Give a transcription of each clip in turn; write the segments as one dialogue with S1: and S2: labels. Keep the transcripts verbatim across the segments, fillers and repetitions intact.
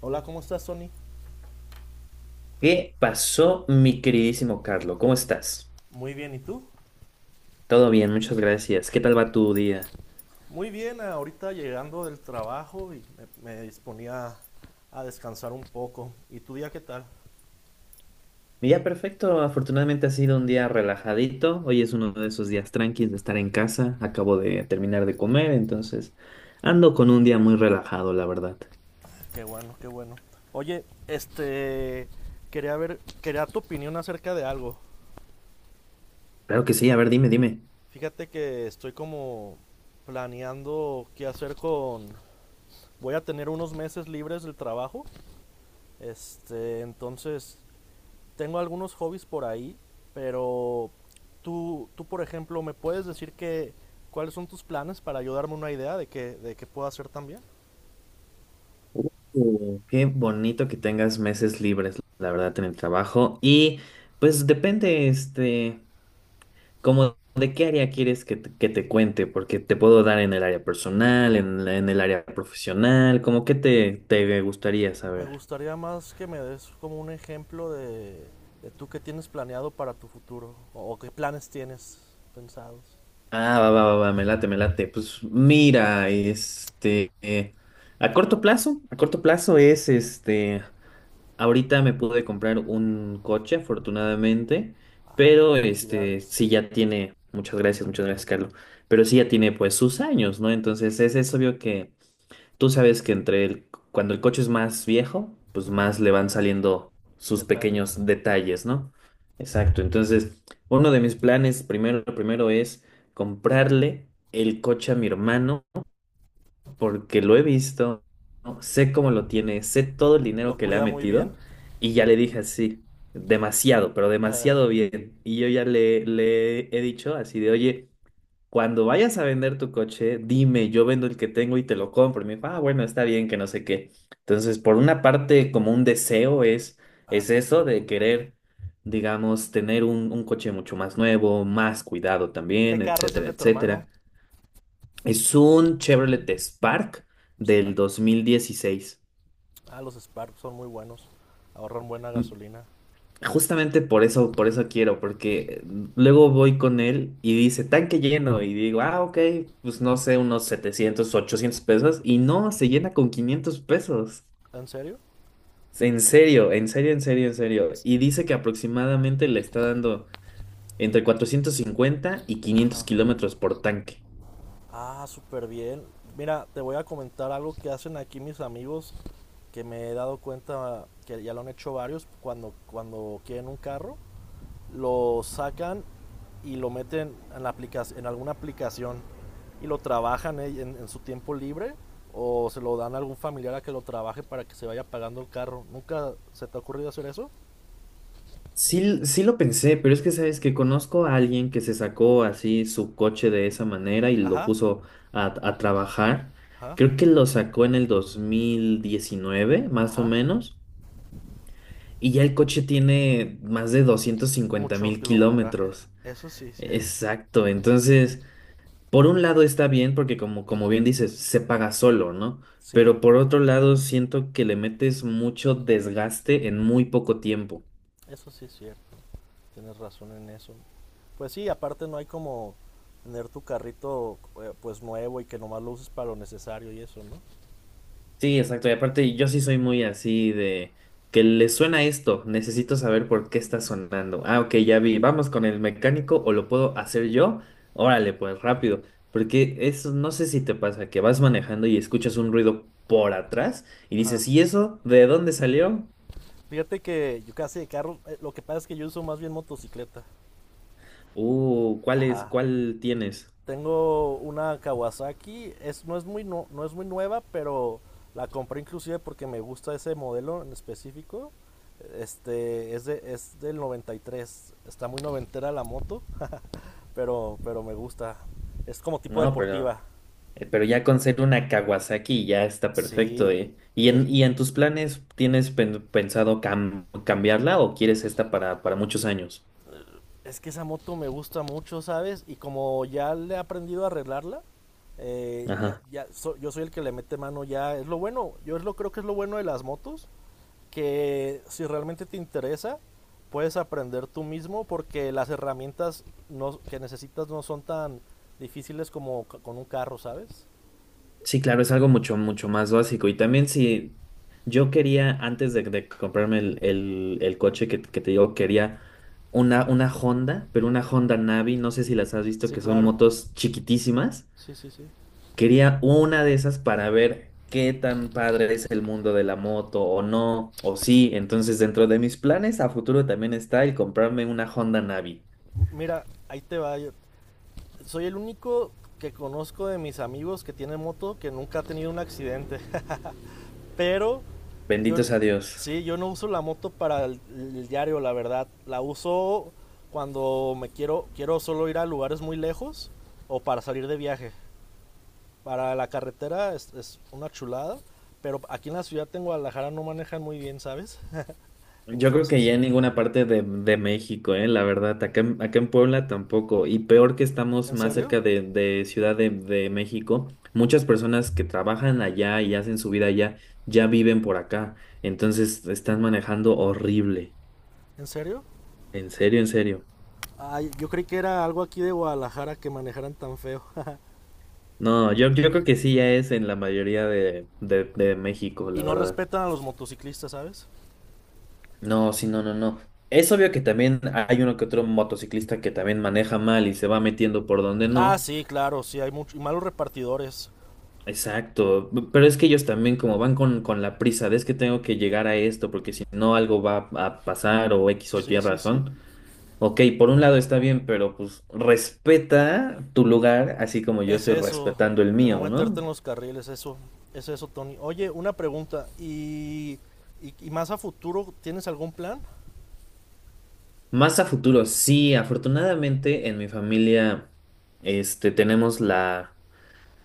S1: Hola, ¿cómo estás, Tony?
S2: ¿Qué pasó, mi queridísimo Carlo? ¿Cómo estás?
S1: Muy bien, ¿y tú?
S2: Todo bien, muchas gracias. ¿Qué tal va tu día?
S1: Muy bien, ahorita llegando del trabajo y me, me disponía a descansar un poco. ¿Y tu día qué tal?
S2: Mi día perfecto, afortunadamente ha sido un día relajadito. Hoy es uno de esos días tranquilos de estar en casa. Acabo de terminar de comer, entonces ando con un día muy relajado, la verdad.
S1: Qué bueno, qué bueno. Oye, este, quería ver, quería tu opinión acerca de algo.
S2: Claro que sí, a ver, dime, dime.
S1: Fíjate que estoy como planeando qué hacer con... Voy a tener unos meses libres del trabajo. Este, entonces tengo algunos hobbies por ahí, pero tú, tú por ejemplo, ¿me puedes decir que, cuáles son tus planes para ayudarme una idea de qué de qué puedo hacer también?
S2: Uh, qué bonito que tengas meses libres, la verdad, en el trabajo. Y pues depende, este. ¿Cómo de qué área quieres que te, que te cuente? Porque te puedo dar en el área personal, en, la- en el área profesional, como qué te, te gustaría
S1: Me
S2: saber.
S1: gustaría más que me des como un ejemplo de, de tú qué tienes planeado para tu futuro o, o qué planes tienes pensados.
S2: Ah, va, va, va, va, me late, me late. Pues mira, este, eh, a corto plazo, a corto plazo es este, ahorita me pude comprar un coche, afortunadamente, pero este, sí
S1: Felicidades,
S2: ya tiene, muchas gracias, muchas gracias, Carlos, pero sí ya tiene pues sus años, ¿no? Entonces es, es obvio que tú sabes que entre el, cuando el coche es más viejo, pues más le van saliendo sus
S1: detalles.
S2: pequeños detalles, ¿no? Exacto. Entonces, uno de mis planes primero, lo primero es comprarle el coche a mi hermano porque lo he visto, ¿no? Sé cómo lo tiene, sé todo el dinero
S1: Lo
S2: que le ha
S1: cuida muy bien.
S2: metido y ya le dije así, demasiado, pero demasiado bien. Y yo ya le, le he dicho así de, oye. Cuando vayas a vender tu coche, dime, yo vendo el que tengo y te lo compro. Y me dijo, ah, bueno, está bien, que no sé qué. Entonces, por una parte, como un deseo es,
S1: Ah,
S2: es
S1: son mu-
S2: eso de
S1: muy buenos.
S2: querer, digamos, tener un, un coche mucho más nuevo, más cuidado
S1: ¿Qué
S2: también,
S1: carro es el
S2: etcétera,
S1: de tu hermano?
S2: etcétera. Es un Chevrolet Spark
S1: Spark.
S2: del dos mil dieciséis.
S1: Ah, los Spark son muy buenos. Ahorran buena gasolina.
S2: Justamente por eso, por eso quiero, porque luego voy con él y dice tanque lleno y digo, ah, ok, pues no sé, unos setecientos, ochocientos pesos y no, se llena con quinientos pesos.
S1: ¿En serio?
S2: En serio, en serio, en serio, en serio. Y dice que aproximadamente le está dando entre cuatrocientos cincuenta y quinientos kilómetros por tanque.
S1: Ah, súper bien. Mira, te voy a comentar algo que hacen aquí mis amigos, que me he dado cuenta que ya lo han hecho varios, cuando, cuando quieren un carro, lo sacan y lo meten en, la aplica- en alguna aplicación y lo trabajan eh, en, en su tiempo libre o se lo dan a algún familiar a que lo trabaje para que se vaya pagando el carro. ¿Nunca se te ha ocurrido hacer eso?
S2: Sí, sí lo pensé, pero es que sabes que conozco a alguien que se sacó así su coche de esa manera y lo
S1: Ajá,
S2: puso a, a trabajar.
S1: ajá,
S2: Creo que lo sacó en el dos mil diecinueve, más o
S1: ajá.
S2: menos, y ya el coche tiene más de doscientos cincuenta
S1: Mucho
S2: mil
S1: kilometraje.
S2: kilómetros.
S1: Eso sí es cierto.
S2: Exacto, entonces, por un lado está bien porque como, como bien dices, se paga solo, ¿no?
S1: Sí,
S2: Pero por otro lado, siento que le metes mucho desgaste en muy poco tiempo.
S1: eso sí es cierto. Tienes razón en eso. Pues sí, aparte no hay como tener tu carrito eh, pues nuevo y que nomás lo uses para lo necesario y eso, ¿no?
S2: Sí, exacto. Y aparte, yo sí soy muy así de que le suena esto. Necesito saber por qué está sonando. Ah, ok, ya vi. Vamos con el mecánico o lo puedo hacer yo. Órale, pues rápido. Porque eso, no sé si te pasa que vas manejando y escuchas un ruido por atrás y
S1: Ajá.
S2: dices, ¿y eso? ¿De dónde salió?
S1: Fíjate que yo casi de carro, eh, lo que pasa es que yo uso más bien motocicleta.
S2: Uh, ¿cuál es?
S1: Ajá.
S2: ¿Cuál tienes?
S1: Tengo una Kawasaki, es, no, es muy no, no es muy nueva, pero la compré inclusive porque me gusta ese modelo en específico. Este es, de, es del noventa y tres. Está muy noventera la moto, pero pero me gusta. Es como tipo
S2: No, pero.
S1: deportiva.
S2: Eh, Pero ya con ser una Kawasaki ya está perfecto,
S1: Sí,
S2: ¿eh? ¿Y
S1: y es,
S2: en, y en tus planes tienes pen- pensado cam- cambiarla o quieres esta para, para muchos años?
S1: es que esa moto me gusta mucho, ¿sabes? Y como ya le he aprendido a arreglarla, eh, ya,
S2: Ajá.
S1: ya so- yo soy el que le mete mano ya. Es lo bueno, yo es lo creo que es lo bueno de las motos, que si realmente te interesa, puedes aprender tú mismo porque las herramientas no, que necesitas no son tan difíciles como ca- con un carro, ¿sabes?
S2: Sí, claro, es algo mucho, mucho más básico. Y también si yo quería, antes de, de comprarme el, el- el coche que, que te digo, quería una, una Honda, pero una Honda Navi, no sé si las has visto,
S1: Sí,
S2: que son
S1: claro.
S2: motos chiquitísimas.
S1: Sí, sí, sí.
S2: Quería una de esas para ver qué tan padre es el mundo de la moto o no, o sí. Entonces, dentro de mis planes a futuro también está el comprarme una Honda Navi.
S1: M- Mira, ahí te va. yo- Soy el único que conozco de mis amigos que tiene moto que nunca ha tenido un accidente. Pero yo,
S2: Bendito sea Dios.
S1: sí, yo no uso la moto para el, el diario, la verdad. La uso cuando me quiero, quiero solo ir a lugares muy lejos o para salir de viaje. Para la carretera es, es una chulada, pero aquí en la ciudad de Guadalajara no manejan muy bien, ¿sabes?
S2: Yo creo que
S1: Entonces,
S2: ya en ninguna parte de, de México, eh, la verdad, acá en, acá en Puebla tampoco. Y peor que estamos
S1: ¿en
S2: más
S1: serio?
S2: cerca de, de Ciudad de, de México, muchas personas que trabajan allá y hacen su vida allá ya viven por acá. Entonces están manejando horrible.
S1: ¿En serio?
S2: En serio, en serio.
S1: Ay, yo creí que era algo aquí de Guadalajara que manejaran tan feo.
S2: No, yo, yo creo que sí ya es en la mayoría de, de, de México,
S1: Y
S2: la
S1: no
S2: verdad.
S1: respetan a los motociclistas, ¿sabes?
S2: No, sí, no, no, no. Es obvio que también hay uno que otro motociclista que también maneja mal y se va metiendo por donde
S1: Ah,
S2: no.
S1: sí, claro, sí, hay muchos malos repartidores.
S2: Exacto. p- Pero es que ellos también como van con, con la prisa de es que tengo que llegar a esto porque si no algo va a pasar o X o Y
S1: Sí, sí, sí.
S2: razón. Ok, por un lado está bien, pero pues respeta tu lugar así como yo
S1: Es
S2: estoy
S1: eso,
S2: respetando el
S1: que no
S2: mío,
S1: meterte en
S2: ¿no?
S1: los carriles, eso, es eso, Tony. Oye, una pregunta, ¿y, y, y más a futuro tienes algún plan?
S2: Más a futuro, sí, afortunadamente en mi familia este, tenemos la,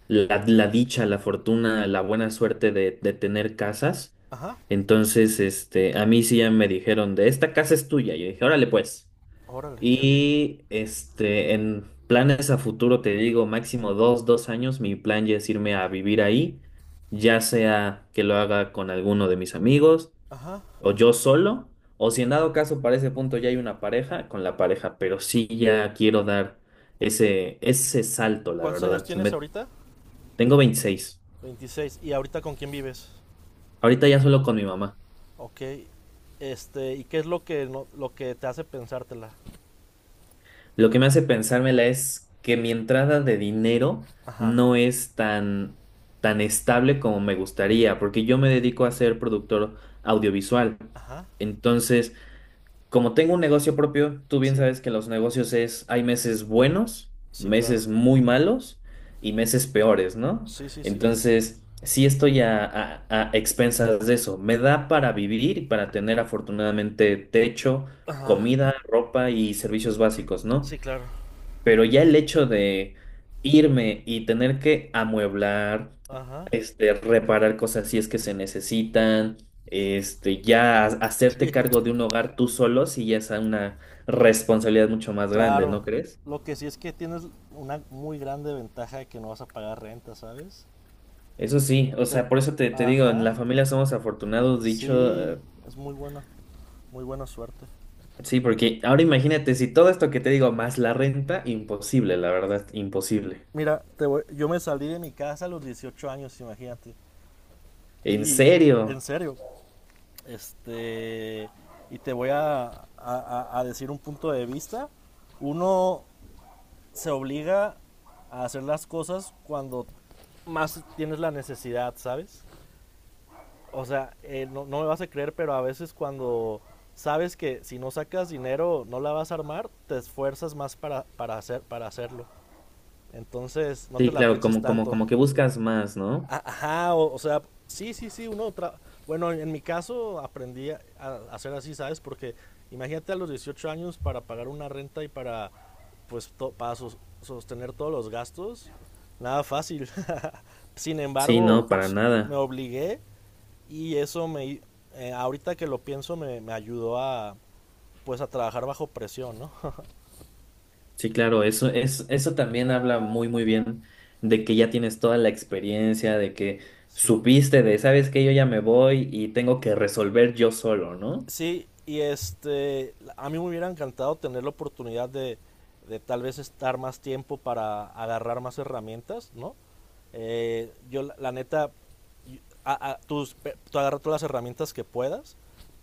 S2: la, la dicha, la fortuna, la buena suerte de, de tener casas.
S1: Ajá,
S2: Entonces, este, a mí sí ya me dijeron de esta casa es tuya. Yo dije, órale pues.
S1: órale, qué bien.
S2: Y este, en planes a futuro, te digo, máximo dos, dos años, mi plan ya es irme a vivir ahí, ya sea que lo haga con alguno de mis amigos
S1: Ajá.
S2: o yo solo, o si en dado caso para ese punto ya hay una pareja, con la pareja, pero sí ya quiero dar ese, ese salto, la
S1: ¿Cuántos años
S2: verdad.
S1: tienes
S2: Me-
S1: ahorita?
S2: tengo veintiséis.
S1: Veintiséis. ¿Y ahorita con quién vives?
S2: Ahorita ya solo con mi mamá.
S1: Ok. Este, ¿y qué es lo que, no- lo que te hace pensártela?
S2: Lo que me hace pensármela es que mi entrada de dinero
S1: Ajá.
S2: no es tan, tan estable como me gustaría, porque yo me dedico a ser productor audiovisual.
S1: Ajá.
S2: Entonces, como tengo un negocio propio, tú bien
S1: Sí.
S2: sabes que los negocios es, hay meses buenos,
S1: Sí, claro.
S2: meses muy malos y meses peores, ¿no?
S1: Sí, sí, sí.
S2: Entonces, sí estoy a, a- a expensas de eso. Me da para vivir y para tener afortunadamente techo,
S1: Ajá.
S2: comida, ropa y servicios básicos,
S1: Sí,
S2: ¿no?
S1: claro.
S2: Pero ya el hecho de irme y tener que amueblar,
S1: Ajá.
S2: este, reparar cosas si es que se necesitan, este, ya ha- hacerte cargo de un hogar tú solo, si ya es una responsabilidad mucho más grande,
S1: Claro.
S2: ¿no crees?
S1: Lo que sí es que tienes una muy grande ventaja de que no vas a pagar renta, ¿sabes?
S2: Eso sí, o
S1: Te-
S2: sea, por eso te, te digo, en
S1: Ajá.
S2: la familia somos afortunados, dicho,
S1: Sí,
S2: eh,
S1: es muy bueno. Muy buena suerte.
S2: sí, porque ahora imagínate, si todo esto que te digo más la renta, imposible, la verdad, imposible.
S1: Mira, te voy- yo me salí de mi casa a los dieciocho años, imagínate.
S2: ¿En
S1: Y en
S2: serio?
S1: serio, este, y te voy a, a- a- a decir un punto de vista. Uno se obliga a hacer las cosas cuando más tienes la necesidad, ¿sabes? O sea, eh, no, no me vas a creer, pero a veces cuando sabes que si no sacas dinero no la vas a armar, te esfuerzas más para, para, hacer, para hacerlo. Entonces, no te
S2: Sí,
S1: la
S2: claro,
S1: pienses
S2: como, como,
S1: tanto.
S2: como que buscas más, ¿no?
S1: A- Ajá, o, o sea, sí, sí, sí, uno... tra- bueno, en mi caso aprendí a, a hacer así, ¿sabes? Porque imagínate a los dieciocho años para pagar una renta y para, pues, to- para sos- sostener todos los gastos. Nada fácil. Sin
S2: Sí, no,
S1: embargo,
S2: para
S1: s- me
S2: nada.
S1: obligué y eso me, eh, ahorita que lo pienso, me, me ayudó a, pues, a trabajar bajo presión, ¿no?
S2: Sí, claro, eso, es, eso también habla muy, muy bien de que ya tienes toda la experiencia, de que
S1: Sí.
S2: supiste de, sabes que yo ya me voy y tengo que resolver yo solo, ¿no?
S1: Sí, y este, a mí me hubiera encantado tener la oportunidad de, de tal vez estar más tiempo para agarrar más herramientas, ¿no? Eh, yo, la, la neta, y- a- a- tus- pe- tú agarra todas las herramientas que puedas,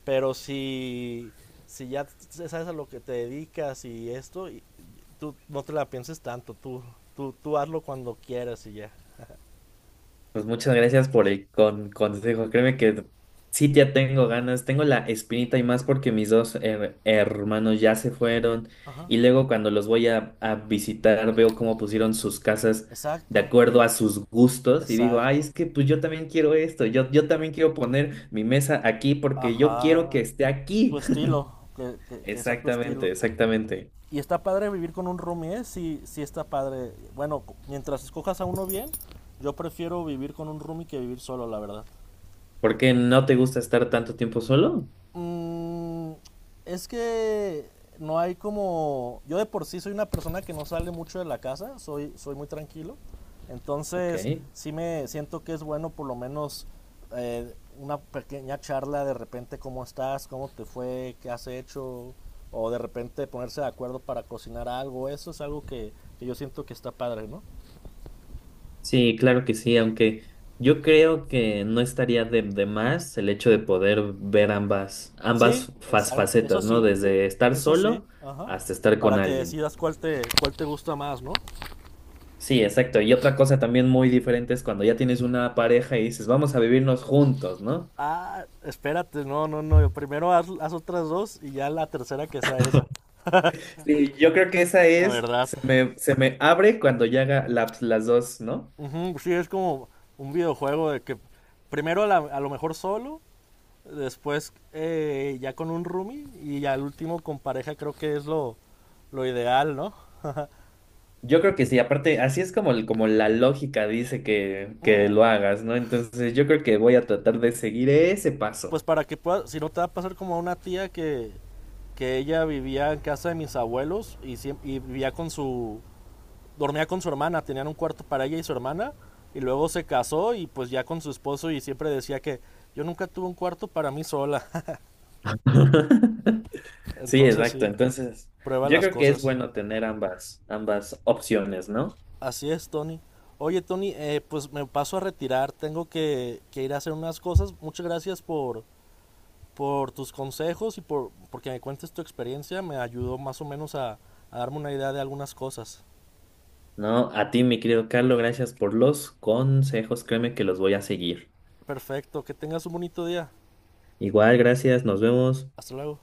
S1: pero si, si ya t- sabes a lo que te dedicas y esto, y- tú no te la pienses tanto, tú, tú, tú hazlo cuando quieras y ya.
S2: Pues muchas gracias por el con- consejo. Créeme que sí ya tengo ganas, tengo la espinita y más porque mis dos her- hermanos ya se fueron
S1: Ajá.
S2: y luego cuando los voy a, a visitar veo cómo pusieron sus casas de
S1: Exacto,
S2: acuerdo a sus gustos y digo, ay,
S1: exacto.
S2: es que pues yo también quiero esto, yo, yo también quiero poner mi mesa aquí porque yo quiero que
S1: Ajá,
S2: esté
S1: tu
S2: aquí.
S1: estilo, que, que, que sea tu estilo.
S2: Exactamente, exactamente.
S1: Y está padre vivir con un roomie, ¿eh? Sí, sí está padre. Bueno, mientras escojas a uno bien, yo prefiero vivir con un roomie que vivir solo, la verdad.
S2: ¿Por qué no te gusta estar tanto tiempo solo?
S1: Mm, es que no hay como... Yo de por sí soy una persona que no sale mucho de la casa, soy, soy muy tranquilo.
S2: Ok.
S1: Entonces, sí me siento que es bueno por lo menos eh, una pequeña charla de repente, cómo estás, cómo te fue, qué has hecho, o de repente ponerse de acuerdo para cocinar algo. Eso es algo que, que yo siento que está padre, ¿no?
S2: Sí, claro que sí, aunque yo creo que no estaría de, de más el hecho de poder ver ambas,
S1: Sí,
S2: ambas fas-
S1: exacto, eso
S2: facetas, ¿no?
S1: sí,
S2: Desde estar
S1: eso sí,
S2: solo
S1: ajá.
S2: hasta estar
S1: Para
S2: con
S1: que
S2: alguien.
S1: decidas cuál te, cuál te gusta más, ¿no?
S2: Sí, exacto. Y otra cosa también muy diferente es cuando ya tienes una pareja y dices, vamos a vivirnos juntos, ¿no?
S1: Ah, espérate, no, no, no. Primero haz, haz otras dos y ya la tercera que sea esa.
S2: Sí, yo creo que esa
S1: La
S2: es,
S1: verdad.
S2: se me, se me abre cuando ya haga la- las dos, ¿no?
S1: Ujú, sí, es como un videojuego de que primero a, la- a lo mejor solo, después eh, ya con un roomie y ya al último con pareja creo que es lo, lo ideal, ¿no?
S2: Yo creo que sí, aparte, así es como, el- como la lógica dice que, que
S1: Mm,
S2: lo hagas, ¿no? Entonces yo creo que voy a tratar de seguir ese
S1: pues
S2: paso.
S1: para que puedas, si no te va a pasar como a una tía que, que ella vivía en casa de mis abuelos y, siem- y vivía con su, dormía con su hermana, tenían un cuarto para ella y su hermana, y luego se casó y pues ya con su esposo y siempre decía que yo nunca tuve un cuarto para mí sola.
S2: Sí,
S1: Entonces
S2: exacto.
S1: sí,
S2: Entonces,
S1: prueba
S2: yo
S1: las
S2: creo que es
S1: cosas.
S2: bueno tener ambas, ambas opciones, ¿no?
S1: Así es, Tony. Oye, Tony, eh, pues me paso a retirar, tengo que, que ir a hacer unas cosas. Muchas gracias por, por tus consejos y por porque me cuentes tu experiencia, me ayudó más o menos a, a darme una idea de algunas cosas.
S2: No, a ti, mi querido Carlos, gracias por los consejos. Créeme que los voy a seguir.
S1: Perfecto, que tengas un bonito día.
S2: Igual, gracias, nos vemos.
S1: Hasta luego.